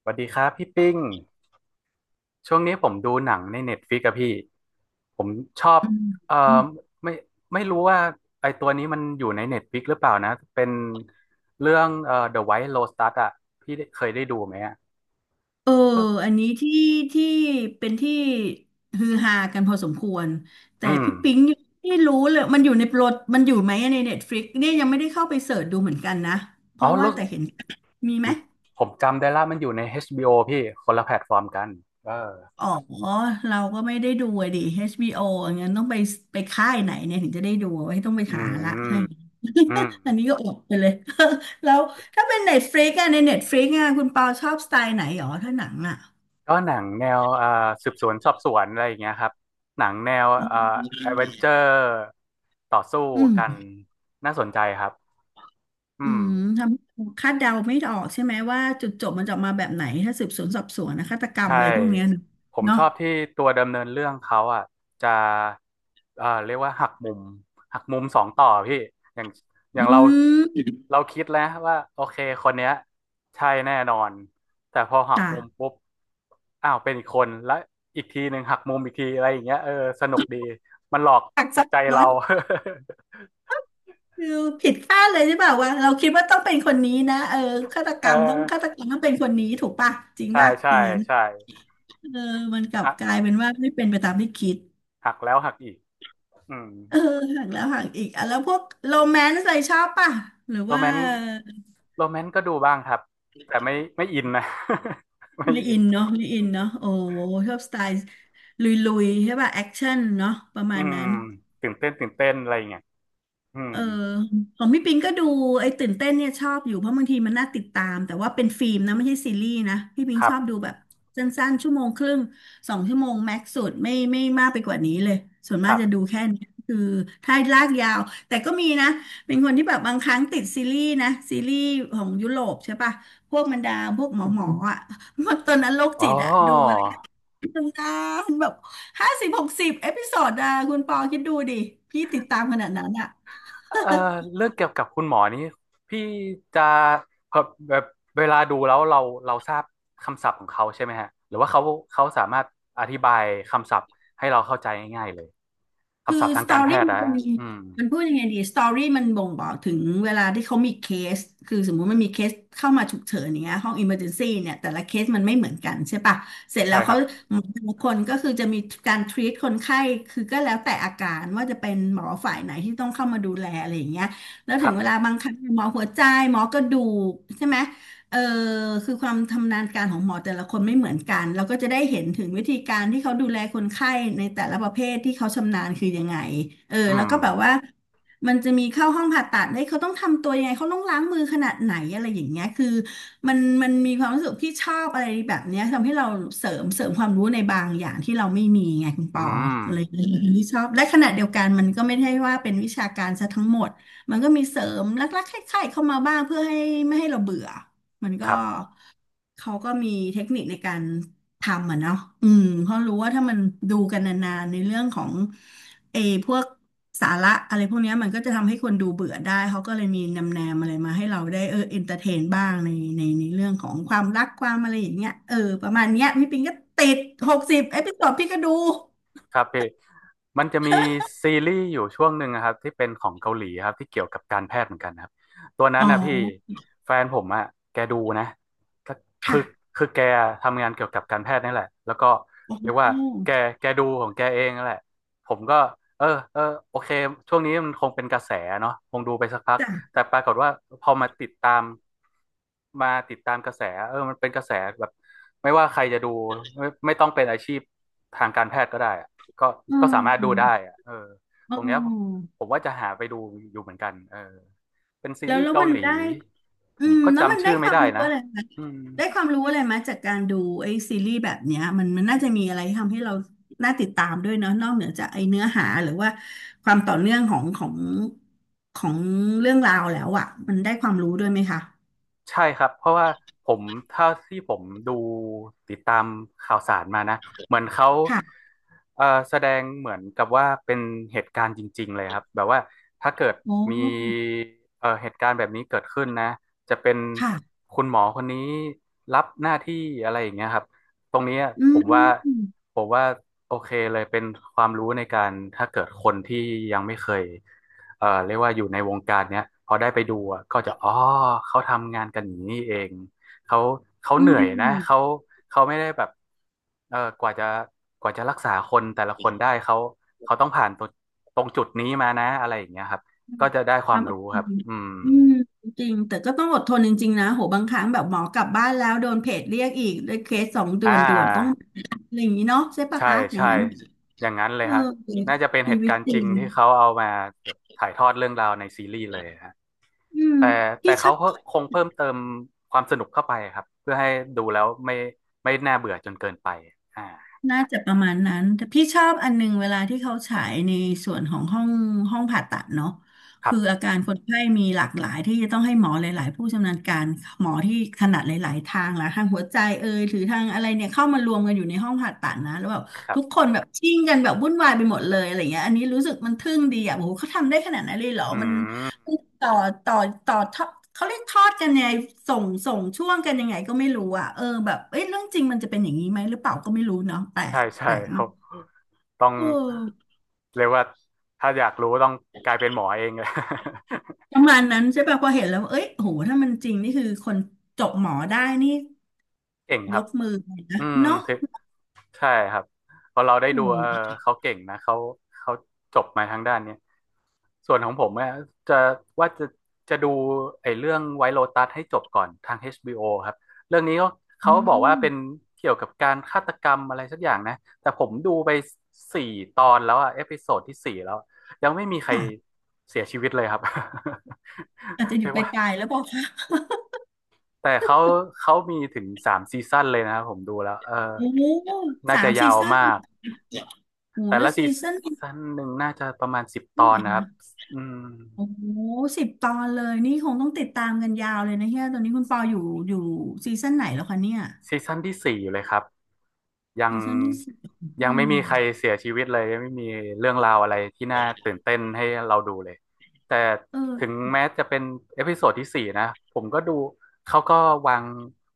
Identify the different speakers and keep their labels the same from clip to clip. Speaker 1: สวัสดีครับพี่ปิ้งช่วงนี้ผมดูหนังในเน็ตฟ i ิกอะพี่ผมชอบ
Speaker 2: อื
Speaker 1: เอ่อ
Speaker 2: ม
Speaker 1: ไม่ไม่รู้ว่าไอตัวนี้มันอยู่ในเน็ตฟ i ิกหรือเปล่านะเป็นเรื่องThe White Lotus อะพี่ได้เคยได้ดูไหมอะ
Speaker 2: เออ
Speaker 1: ก็
Speaker 2: อันนี้ที่เป็นที่ฮือฮากันพอสมควรแต่
Speaker 1: อืม
Speaker 2: พี่ปิ๊งยังไม่รู้เลยมันอยู่ในโปรดมันอยู่ไหมในเน็ตฟลิกเนี่ยยังไม่ได้เข้าไปเสิร์ชดูเหมือนกันนะเพ
Speaker 1: อ๋อ
Speaker 2: ราะว่า
Speaker 1: รู้สึ
Speaker 2: แต่
Speaker 1: ก
Speaker 2: เห็นมี
Speaker 1: ผ
Speaker 2: ไหม
Speaker 1: มผมจำได้ละมันอยู่ใน HBO พี่คนละแพลตฟอร์มกันเออ
Speaker 2: อ๋อเราก็ไม่ได้ดูอะดิ HBO อชบีโออย่างงั้นต้องไปไปค่ายไหนเนี่ยถึงจะได้ดูไว้ต้องไป
Speaker 1: อื
Speaker 2: หา
Speaker 1: ม
Speaker 2: ละ ให้
Speaker 1: อืม
Speaker 2: อันนี้ก็อดไปเลย แล้วถ้าเป็นเน็ตฟลิกอะในเน็ตฟลิกอะคุณปาชอบสไตล์ไหนหรอถ้าหนังอะ
Speaker 1: ก็หนังแนวสืบสวนสอบสวนอะไรอย่างเงี้ยครับหนังแนวแอดเวนเจอร์ต่อสู้
Speaker 2: อื
Speaker 1: กัน
Speaker 2: ม
Speaker 1: น่าสนใจครับ
Speaker 2: อื
Speaker 1: อืม
Speaker 2: มทำคาดเดาไม่ออกใช่ไหมว่าจุดจบมันจะออกมาแบบไหนถ้าสืบสวนสอบสวนนะฆาตกรรม
Speaker 1: ใช่
Speaker 2: อะไรพวกเนี้ย
Speaker 1: ผม
Speaker 2: เนาะ
Speaker 1: ชอบที่ตัวดำเนินเรื่องเขาอ่ะจะเรียกว่าหักมุมหักมุมสองต่อพี่อย่างอ
Speaker 2: อื
Speaker 1: ย่างเรา
Speaker 2: ม
Speaker 1: คิดแล้วว่าโอเคคนเนี้ยใช่แน่นอนแต่พอหัก
Speaker 2: จ้ะ
Speaker 1: มุมปุ๊บอ้าวเป็นอีกคนแล้วอีกทีหนึ่งหักมุมอีกทีอะไรอย่างเงี้ยเออสนุกดีมันหลอก
Speaker 2: หัก
Speaker 1: จิ
Speaker 2: ซั
Speaker 1: ต
Speaker 2: บ
Speaker 1: ใจ
Speaker 2: ซ้อ
Speaker 1: เรา
Speaker 2: น คือผิดคาดเลยใช่ป่ะว่าเราคิดว่าต้องเป็นคนนี้นะเออฆาตก
Speaker 1: เออ
Speaker 2: รรมต้องฆาตกรรมต้องเป็นคนนี้ถูกป่ะจริง
Speaker 1: ใช่
Speaker 2: ป่ะ
Speaker 1: ใช่
Speaker 2: อย่างนั้น
Speaker 1: ใช่
Speaker 2: เออมันกลับ
Speaker 1: หัก
Speaker 2: กลายเป็นว่าไม่เป็นไปตามที่คิด
Speaker 1: หักแล้วหักอีกอืม
Speaker 2: เออหักแล้วหักอีกอ่ะแล้วพวกโรแมนต์อะไรชอบป่ะหรือ
Speaker 1: โร
Speaker 2: ว่า
Speaker 1: แมนต์โรแมนต์ก็ดูบ้างครับแต่ไม่อินนะ ไม่
Speaker 2: ไม
Speaker 1: อิ
Speaker 2: อิ
Speaker 1: น
Speaker 2: นเนาะไมอินเนาะโอ้ชอบสไตล์ลุยๆใช่ป่ะแอคชั่นเนาะประ
Speaker 1: อื
Speaker 2: มาณ
Speaker 1: ม
Speaker 2: นั้น
Speaker 1: ตื่นเต้นตื่นเต้นอะไรอย่างเงี้ยอืม
Speaker 2: เออของพี่ปิงก็ดูไอ้ตื่นเต้นเนี่ยชอบอยู่เพราะบางทีมันน่าติดตามแต่ว่าเป็นฟิล์มนะไม่ใช่ซีรีส์นะพี่ปิ
Speaker 1: ค
Speaker 2: ง
Speaker 1: รั
Speaker 2: ชอบดู
Speaker 1: บ
Speaker 2: แบบสั้นๆชั่วโมงครึ่งสองชั่วโมงแม็กซ์สุดไม่มากไปกว่านี้เลยส่วน
Speaker 1: ค
Speaker 2: มาก
Speaker 1: รั
Speaker 2: จะดู
Speaker 1: บ
Speaker 2: แค่นี้คือถ้าลากยาวแต่ก็มีนะเป็นคนที่แบบบางครั้งติดซีรีส์นะซีรีส์ของยุโรปใช่ป่ะพวกบรรดาพวกหมออ่ะ พวกตอนนั้นโรค
Speaker 1: อ๋
Speaker 2: จิ
Speaker 1: อ
Speaker 2: ตอะดู นานแบบ50 60 เอพิโซดอะคุณปอคิดดูดิ พี่ติดตามขนาดนั้นอะ
Speaker 1: เอ่อเรื่องเกี่ยวกับคุณหมอนี้พี่จะแบบแบบเวลาดูแล้วเราทราบคำศัพท์ของเขาใช่ไหมฮะหรือว่าเขาสามารถอธิบายคำศัพท์ให้เราเข้าใจง่ายๆเลย
Speaker 2: คือ
Speaker 1: คำศัพท์ทา
Speaker 2: ส
Speaker 1: ง
Speaker 2: ตอ
Speaker 1: การแพ
Speaker 2: รี่
Speaker 1: ทย์นะ
Speaker 2: มันมี
Speaker 1: อืม
Speaker 2: มันพูดยังไงดีสตอรี่มันบ่งบอกถึงเวลาที่เขามีเคสคือสมมุติมันมีเคสเข้ามาฉุกเฉินอย่างเงี้ยห้องอิมเมอร์เจนซี่เนี่ยแต่ละเคสมันไม่เหมือนกันใช่ปะเสร็จ
Speaker 1: ใช่
Speaker 2: แล้ว
Speaker 1: ค
Speaker 2: เขา
Speaker 1: รับ
Speaker 2: หมอแต่ละคนก็คือจะมีการทรีตคนไข้ คือก็แล้วแต่อาการว่าจะเป็นหมอฝ่ายไหนที่ต้องเข้ามาดูแลอะไรอย่างเงี้ยแล้ว
Speaker 1: ค
Speaker 2: ถึ
Speaker 1: รั
Speaker 2: ง
Speaker 1: บ
Speaker 2: เวลาบางครั้งหมอหัวใจหมอกระดูกใช่ไหม เออคือความทำนาญการของหมอแต่ละคนไม่เหมือนกันเราก็จะได้เห็นถึงวิธีการที่เขาดูแลคนไข้ในแต่ละประเภทที่เขาชำนาญคือยังไงเออ
Speaker 1: อื
Speaker 2: แล้ว
Speaker 1: ม
Speaker 2: ก็แบบว่ามันจะมีเข้าห้องผ่าตัดได้ยเขาต้องทำตัวยังไงเขาต้องล้างมือขนาดไหนอะไรอย่างเงี้ยคือมันมีความรู้สึกที่ชอบอะไรแบบเนี้ยทำให้เราเสริมความรู้ในบางอย่างที่เราไม่มีไงคุณป
Speaker 1: อื
Speaker 2: อ
Speaker 1: ม
Speaker 2: อะไรอย่างเลยที่ชอบและขณะเดียวกันมันก็ไม่ใช่ว่าเป็นวิชาการซะทั้งหมดมันก็มีเสริมลักๆคล้ายๆเข้ามาบ้างเพื่อให้ไม่ให้เราเบื่อ มัน
Speaker 1: ค
Speaker 2: ก็
Speaker 1: รับ
Speaker 2: เขาก็มีเทคนิคในการทำอ่ะเนาะอืมเพราะรู้ว่าถ้ามันดูกันนานๆในเรื่องของเออพวกสาระอะไรพวกเนี้ยมันก็จะทำให้คนดูเบื่อได้เขาก็เลยมีนำแนมอะไรมาให้เราได้เออเอนเตอร์เทนบ้างในเรื่องของความรักความอะไรอย่างเงี้ยเออประมาณเนี้ยพี่ปิงก็ติดหกสิบเอพิโซดพี่ก็ดู
Speaker 1: ครับพี่มันจะมีซีรีส์อยู่ช่วงหนึ่งนะครับที่เป็นของเกาหลีครับที่เกี่ยวกับการแพทย์เหมือนกันครับตัวนั้
Speaker 2: อ๋
Speaker 1: น
Speaker 2: อ
Speaker 1: นะพี่แฟนผมอะแกดูนะก็คือ
Speaker 2: ค่ะ
Speaker 1: แกทำงานเกี่ยวกับการแพทย์นี่แหละแล้วก็
Speaker 2: โอ
Speaker 1: เรี
Speaker 2: ้
Speaker 1: ยกว่าแกดูของแกเองนั่นแหละผมก็เออเออโอเคช่วงนี้มันคงเป็นกระแสเนาะคงดูไปสักพัก
Speaker 2: จ้ะ
Speaker 1: แต่ปรากฏว่าพอมาติดตามกระแสเออมันเป็นกระแสแบบไม่ว่าใครจะดูไม่ต้องเป็นอาชีพทางการแพทย์ก็ได้ ก็
Speaker 2: อื
Speaker 1: ก็
Speaker 2: ม
Speaker 1: สามารถดูได้อะเออ
Speaker 2: อื
Speaker 1: ตรงเนี้ย
Speaker 2: ม
Speaker 1: ผมว่าจะหาไปดูอยู่เหมือนกันเออเป็นซี
Speaker 2: แล้ว
Speaker 1: รีส์
Speaker 2: แล้ว
Speaker 1: เกา
Speaker 2: มัน
Speaker 1: หลี
Speaker 2: ได้
Speaker 1: ผ
Speaker 2: อื
Speaker 1: ม
Speaker 2: ม
Speaker 1: ก็
Speaker 2: แล้วมัน
Speaker 1: จำ
Speaker 2: ได้
Speaker 1: ชื่อ
Speaker 2: ค
Speaker 1: ไม่
Speaker 2: วาม
Speaker 1: ได้
Speaker 2: รู้
Speaker 1: นะ
Speaker 2: อะไรไหม
Speaker 1: อืม
Speaker 2: ได้ความรู้อะไรไหมจากการดูไอ้ซีรีส์แบบเนี้ยมันน่าจะมีอะไรทำให้เราน่าติดตามด้วยเนาะนอกเหนือจากไอ้เนื้อหาหรือว่าความต่อเนื่องของเรื่องราวแล้วอ่ะมันได้ความรู้ด้วยไหมคะ
Speaker 1: ใช่ครับเพราะว่าผมเท่าที่ผมดูติดตามข่าวสารมานะเหมือนเขา
Speaker 2: ค่ะ
Speaker 1: แสดงเหมือนกับว่าเป็นเหตุการณ์จริงๆเลยครับแบบว่าถ้าเกิด
Speaker 2: โอ้
Speaker 1: มีเหตุการณ์แบบนี้เกิดขึ้นนะจะเป็น
Speaker 2: ค่ะ
Speaker 1: คุณหมอคนนี้รับหน้าที่อะไรอย่างเงี้ยครับตรงเนี้ย
Speaker 2: อื
Speaker 1: ผ
Speaker 2: ม
Speaker 1: มว่า
Speaker 2: อื
Speaker 1: ผมว่าโอเคเลยเป็นความรู้ในการถ้าเกิดคนที่ยังไม่เคย เรียกว่าอยู่ในวงการเนี้ยพอได้ไปดูอะก็จะอ๋อเขาทำงานกันอย่างนี้เองเขาเขา
Speaker 2: มอื
Speaker 1: เหนื่อยนะ
Speaker 2: ม
Speaker 1: เขาไม่ได้แบบเออกว่าจะรักษาคนแต่ละคนได้เขาต้องผ่านตรงจุดนี้มานะอะไรอย่างเงี้ยครับก็จะได้ค
Speaker 2: ค
Speaker 1: วา
Speaker 2: วา
Speaker 1: ม
Speaker 2: มอด
Speaker 1: รู้
Speaker 2: ท
Speaker 1: ค
Speaker 2: น
Speaker 1: รับอืม
Speaker 2: อืมจริงแต่ก็ต้องอดทนจริงๆนะโหบางครั้งแบบหมอกลับบ้านแล้วโดนเพจเรียกอีกด้วยเคสสองด่
Speaker 1: อ่
Speaker 2: วนด่วนต้อง
Speaker 1: า
Speaker 2: อะไรอย่างนี้เนาะใช่ปะ
Speaker 1: ใช่
Speaker 2: คะอย่าง
Speaker 1: ใช่
Speaker 2: นั้น
Speaker 1: อย่างนั้นเลย
Speaker 2: เออ
Speaker 1: ฮะน่าจะเป็นเห
Speaker 2: ชี
Speaker 1: ตุ
Speaker 2: วิต
Speaker 1: การณ์
Speaker 2: จ
Speaker 1: จ
Speaker 2: ริง
Speaker 1: ริงที่เขาเอามาถ่ายทอดเรื่องราวในซีรีส์เลยฮะ
Speaker 2: อืม
Speaker 1: แต่แต่
Speaker 2: พี่ช
Speaker 1: เขา
Speaker 2: อบ
Speaker 1: ก็คงเพิ่มเติมความสนุกเข้าไปครับเพื่อให้ดูแล้วไม่น่าเบื่อจนเกินไปอ่า
Speaker 2: น่าจะประมาณนั้นแต่พี่ชอบอันหนึงเวลาที่เขาฉายในส่วนของห้องผ่าตัดเนาะ
Speaker 1: ครั
Speaker 2: คื
Speaker 1: บ
Speaker 2: ออาการคนไข้มีหลากหลายที่จะต้องให้หมอหลายๆผู้ชำนาญการหมอที่ถนัดหลายๆทางละทางหัวใจเอยหรือทางอะไรเนี่ยเข้ามารวมกันอยู่ในห้องผ่าตัดนะแล้วแบบ
Speaker 1: ครั
Speaker 2: ทุกค
Speaker 1: บ
Speaker 2: นแบบชิ่งกันแบบวุ่นวายไปหมดเลยอะไรเงี้ยอันนี้รู้สึกมันทึ่งดีอ่ะโอ้โหเขาทำได้ขนาดนั้นเลยเหรอ
Speaker 1: อื
Speaker 2: มัน
Speaker 1: ม
Speaker 2: ต่อต่อต่อทอดเขาเรียกทอดกันยังไงส่งช่วงกันยังไงก็ไม่รู้อ่ะเออแบบเอ้ยเรื่องจริงมันจะเป็นอย่างนี้ไหมหรือเปล่าก็ไม่รู้เนาะแปล
Speaker 1: ใช่
Speaker 2: กแป
Speaker 1: ใช่
Speaker 2: ลก
Speaker 1: ค
Speaker 2: มา
Speaker 1: รั
Speaker 2: ก
Speaker 1: บต้อง
Speaker 2: เออ
Speaker 1: เรียกว่าถ้าอยากรู้ต้องกลายเป็นหมอเองเลย
Speaker 2: ประมาณนั้นใช่ป่ะพอเห็นแล้วเอ้ยโหถ้ามันจริงนี่คือคนจบหมอได้นี่
Speaker 1: เก่งค
Speaker 2: ย
Speaker 1: รับ
Speaker 2: กมือเลยนะ
Speaker 1: อืม
Speaker 2: เนาะ
Speaker 1: ถือ ใช่ครับพอเราได้
Speaker 2: โอ้
Speaker 1: ดูเออ
Speaker 2: โห
Speaker 1: เขาเก่งนะเขาเขาจบมาทางด้านเนี้ยส่วนของผมเนี่ยจะว่าจะดูไอ้เรื่องไวท์โ o ตัสให้จบก่อนทาง HBO ครับเรื่องนี้ก็
Speaker 2: อื
Speaker 1: เขาบอกว่าเป็น
Speaker 2: ม
Speaker 1: เกี่ยวกับการฆาตกรรมอะไรสักอย่างนะแต่ผมดูไป4 ตอนแล้วอะเอพิโซดที่สี่แล้วยังไม่มีใคร
Speaker 2: ค่ะ
Speaker 1: เสียชีวิตเลยครับ
Speaker 2: อาจจะ อยู่
Speaker 1: เรียก
Speaker 2: ป
Speaker 1: ว่า
Speaker 2: ลายๆแล้วบอกค่ะ
Speaker 1: แต่เขามีถึง3 ซีซั่นเลยนะครับผมดูแล้วเออ
Speaker 2: โอ้
Speaker 1: น่า
Speaker 2: สา
Speaker 1: จะ
Speaker 2: ม
Speaker 1: ยา
Speaker 2: ซี
Speaker 1: ว
Speaker 2: ซั่น
Speaker 1: มาก
Speaker 2: โอ้
Speaker 1: แต่
Speaker 2: แล้
Speaker 1: ละ
Speaker 2: ว
Speaker 1: ซี
Speaker 2: ซีซั่นเ
Speaker 1: ซั่นหนึ่งน่าจะประมาณสิบต
Speaker 2: ท่า
Speaker 1: อ
Speaker 2: ไห
Speaker 1: น
Speaker 2: ร่
Speaker 1: นะครับ
Speaker 2: คะ
Speaker 1: อืม
Speaker 2: โอ้สิบตอนเลยนี่คงต้องติดตามกันยาวเลยนะเฮียตอนนี้คุณปออยู่อยู่ซีซั่นไหนแล้วคะเนี่ย
Speaker 1: ซีซั่นที่ 4เลยครับ ยัง
Speaker 2: ซีซั่นที่สิบ
Speaker 1: ยัง
Speaker 2: อื
Speaker 1: ไม่
Speaker 2: ม
Speaker 1: มีใครเสียชีวิตเลยยังไม่มีเรื่องราวอะไรที่น่าตื่นเต้นให้เราดูเลยแต่
Speaker 2: เอ
Speaker 1: ถึง
Speaker 2: อ
Speaker 1: แม้จะเป็นเอพิโซดที่สี่นะผมก็ดูเขาก็วาง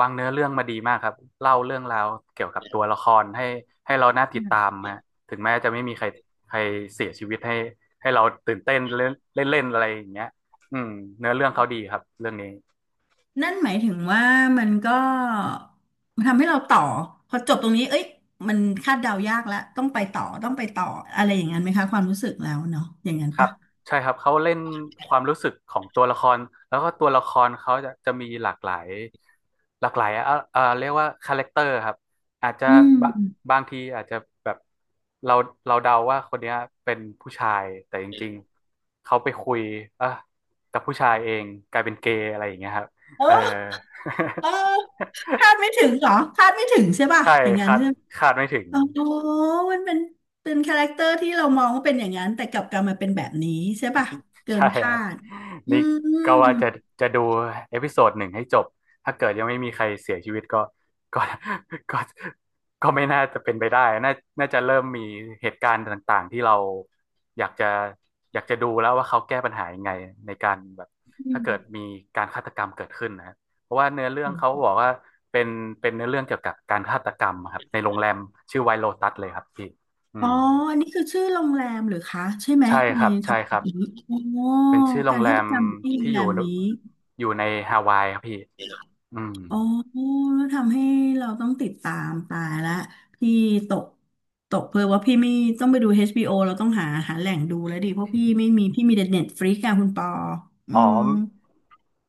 Speaker 1: เนื้อเรื่องมาดีมากครับเล่าเรื่องราวเกี่ยวกับตัวละครให้เราน่าติดตามฮะถึงแม้จะไม่มีใครใครเสียชีวิตให้เราตื่นเต้นเล่นเล่นๆอะไรอย่างเงี้ยอืมเนื้อเรื่องเขาดีครับเรื่องนี้
Speaker 2: นั่นหมายถึงว่ามันก็ทำให้เราต่อพอจบตรงนี้เอ้ยมันคาดเดายากแล้วต้องไปต่อต้องไปต่ออะไรอย่างนั้นไหมคะความรู้สึกแล้วเนาะอย่างนั้น
Speaker 1: ครั
Speaker 2: ปะ
Speaker 1: บใช่ครับเขาเล่นความรู้สึกของตัวละครแล้วก็ตัวละครเขาจะมีหลากหลายหลากหลายเรียกว่าคาแรคเตอร์ครับอาจจะ
Speaker 2: อืม
Speaker 1: บะบางทีอาจจะแบบเราเดาว่าคนเนี้ยเป็นผู้ชายแต่จริงๆเขาไปคุยเอ่ะกับผู้ชายเองกลายเป็นเกย์อะไรอย่างเงี้ยครับ
Speaker 2: เออ
Speaker 1: เออ
Speaker 2: เออคาดไม่ถึงเหรอคาดไม่ถึงใช่ ป่ะ
Speaker 1: ใช่
Speaker 2: อย่างนั้น
Speaker 1: คาด
Speaker 2: ใช่
Speaker 1: ไม่ถึง
Speaker 2: อ๋อ มันเป็นคาแรคเตอร์ที่เรามองว่าเป็นอย่างนั้นแต่กลับกลายมาเป็นแบบนี้ใช่ป่ะเกิ
Speaker 1: ใช่
Speaker 2: นคา
Speaker 1: ฮะ
Speaker 2: ดอื
Speaker 1: นี่
Speaker 2: มอื
Speaker 1: ก็ว่า
Speaker 2: ม
Speaker 1: จะดูเอพิโซดหนึ่งให้จบถ้าเกิดยังไม่มีใครเสียชีวิตก็ ก็ก็ไม่น่าจะเป็นไปได้น่าจะเริ่มมีเหตุการณ์ต่างๆที่เราอยากจะดูแล้วว่าเขาแก้ปัญหายังไงในการแบบ
Speaker 2: อื
Speaker 1: ถ้า
Speaker 2: ม
Speaker 1: เกิดมีการฆาตกรรมเกิดขึ้นนะเพราะว่าเนื้อเรื่องเขาบอกว่าเป็นเนื้อเรื่องเกี่ยวกับการฆาตกรรมครับในโรงแรมชื่อไวโลตัสเลยครับพี่อื
Speaker 2: อ๋อ
Speaker 1: ม
Speaker 2: อันนี้คือชื่อโรงแรมเหรือคะใช่ไหม
Speaker 1: ใช่ค
Speaker 2: ใน
Speaker 1: รับ
Speaker 2: ท็
Speaker 1: ใช่
Speaker 2: อป
Speaker 1: ครับ
Speaker 2: นี้อ๋อ
Speaker 1: เป็นชื่อโร
Speaker 2: กา
Speaker 1: ง
Speaker 2: ร
Speaker 1: แร
Speaker 2: ฆาต
Speaker 1: ม
Speaker 2: กรรมที่โร
Speaker 1: ที่
Speaker 2: ง
Speaker 1: อ
Speaker 2: แร
Speaker 1: ยู่
Speaker 2: มนี้
Speaker 1: ในฮาวายครับพี่อืม
Speaker 2: อ๋อ แล้วทำให้เราต้องติดตามตายละพี่ตกตกเพลอว่าพี่ไม่ต้องไปดู HBO เราต้องหาแหล่งดูแล้วดิเพราะพี่ไม่มีพี่มีแต่เน็ตฟลิกซ์อะคุณปออื
Speaker 1: อ๋อ
Speaker 2: ม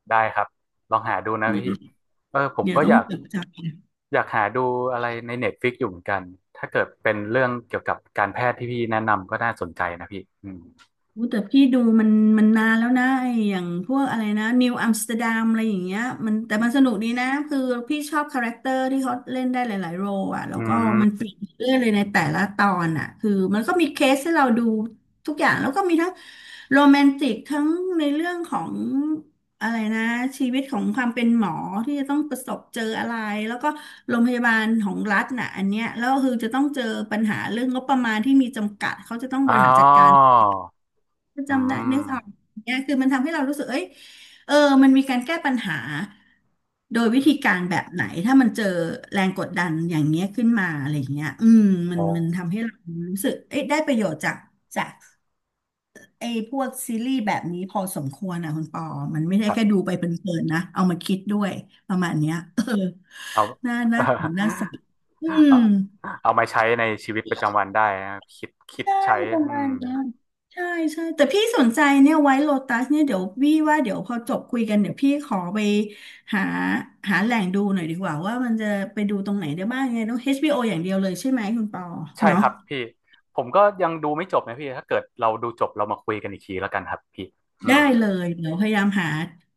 Speaker 1: ได้ครับลองหาดูนะพี่เออผม
Speaker 2: เดี๋ยว
Speaker 1: ก็
Speaker 2: ต้
Speaker 1: อ
Speaker 2: อง
Speaker 1: ยาก
Speaker 2: จดจำนะ
Speaker 1: หาดูอะไรในเน็ตฟิกอยู่เหมือนกันถ้าเกิดเป็นเรื่องเกี่ยวกับการแพทย์ที่พี่แนะนำก็น่าสนใจนะพี่อืม
Speaker 2: อู้แต่พี่ดูมันมันนานแล้วนะไอ้อย่างพวกอะไรนะนิวอัมสเตอร์ดัมอะไรอย่างเงี้ยมันแต่มันสนุกดีนะคือพี่ชอบคาแรคเตอร์ที่เขาเล่นได้หลายๆโรลอ่ะแล้
Speaker 1: อื
Speaker 2: วก็
Speaker 1: ม
Speaker 2: มันเปลี่ยนเรื่อยเลยในแต่ละตอนอ่ะคือมันก็มีเคสให้เราดูทุกอย่างแล้วก็มีทั้งโรแมนติกทั้งในเรื่องของอะไรนะชีวิตของความเป็นหมอที่จะต้องประสบเจออะไรแล้วก็โรงพยาบาลของรัฐน่ะอันเนี้ยแล้วก็คือจะต้องเจอปัญหาเรื่องงบประมาณที่มีจำกัดเขาจะต้องบ
Speaker 1: อ๋อ
Speaker 2: ริหารจัดการ
Speaker 1: อื
Speaker 2: จำได้
Speaker 1: ม
Speaker 2: นึกออกเนี่ยคือมันทำให้เรารู้สึกเอ้ยเออมันมีการแก้ปัญหาโดยวิ
Speaker 1: อื
Speaker 2: ธีการ
Speaker 1: ม
Speaker 2: แบบไหนถ้ามันเจอแรงกดดันอย่างเงี้ยขึ้นมาอะไรอย่างเงี้ยอืมมัน
Speaker 1: โอ้
Speaker 2: มันทำให้เรารู้สึกเอ้ยได้ประโยชน์จากไอ้พวกซีรีส์แบบนี้พอสมควรอ่ะคุณปอมันไม่ได้
Speaker 1: ครั
Speaker 2: แค่
Speaker 1: บ
Speaker 2: ดูไปเพลินๆนะเอามาคิดด้วยประ
Speaker 1: ค
Speaker 2: มา
Speaker 1: รั
Speaker 2: ณ
Speaker 1: บ
Speaker 2: เนี้ยเออ
Speaker 1: เอา
Speaker 2: น่าน่านน่าสนอืม
Speaker 1: เอามาใช้ในชีวิตประจำวันได้นะคิดคิด
Speaker 2: ใช่
Speaker 1: ใช้
Speaker 2: ประ
Speaker 1: อื
Speaker 2: มา
Speaker 1: ม
Speaker 2: ณนั้ยใช่ใช่แต่พี่สนใจเนี่ยไว้โลตัสเนี่ยเดี๋ยวพี่ว่าเดี๋ยวพอจบคุยกันเดี๋ยวพี่ขอไปหาหาแหล่งดูหน่อยดีกว่าว่ามันจะไปดูตรงไหนได้บ้างไงต้อง HBO อชบีโออย่างเดียวเลยใช่ไหมคุณปอ
Speaker 1: ใช่
Speaker 2: เนาะ
Speaker 1: ครับพี่ผมก็ยังดูไม่จบนะพี่ถ้าเกิดเราดูจบเรามาคุยกันอีกทีแล้วกันครับพี่อื
Speaker 2: ได้
Speaker 1: ม
Speaker 2: เลยเดี๋ยวพยายามหา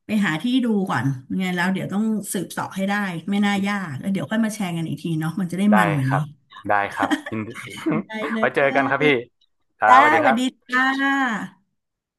Speaker 2: ไปหาที่ดูก่อนยังไงแล้วเดี๋ยวต้องสืบเสอบให้ได้ไม่น่ายากแล้วเดี๋ยวค่อยมาแชร์กันอีกทีเนาะมันจะได้
Speaker 1: ได้
Speaker 2: มันกว่า
Speaker 1: ครั
Speaker 2: นี้
Speaker 1: บได้ครับยินดี
Speaker 2: ได้ เล
Speaker 1: ไว้เจอกันครับพี่
Speaker 2: ย
Speaker 1: ครับ
Speaker 2: จ้า
Speaker 1: สวัสดี
Speaker 2: ส
Speaker 1: ค
Speaker 2: วั
Speaker 1: รั
Speaker 2: สดี
Speaker 1: บ
Speaker 2: จ้า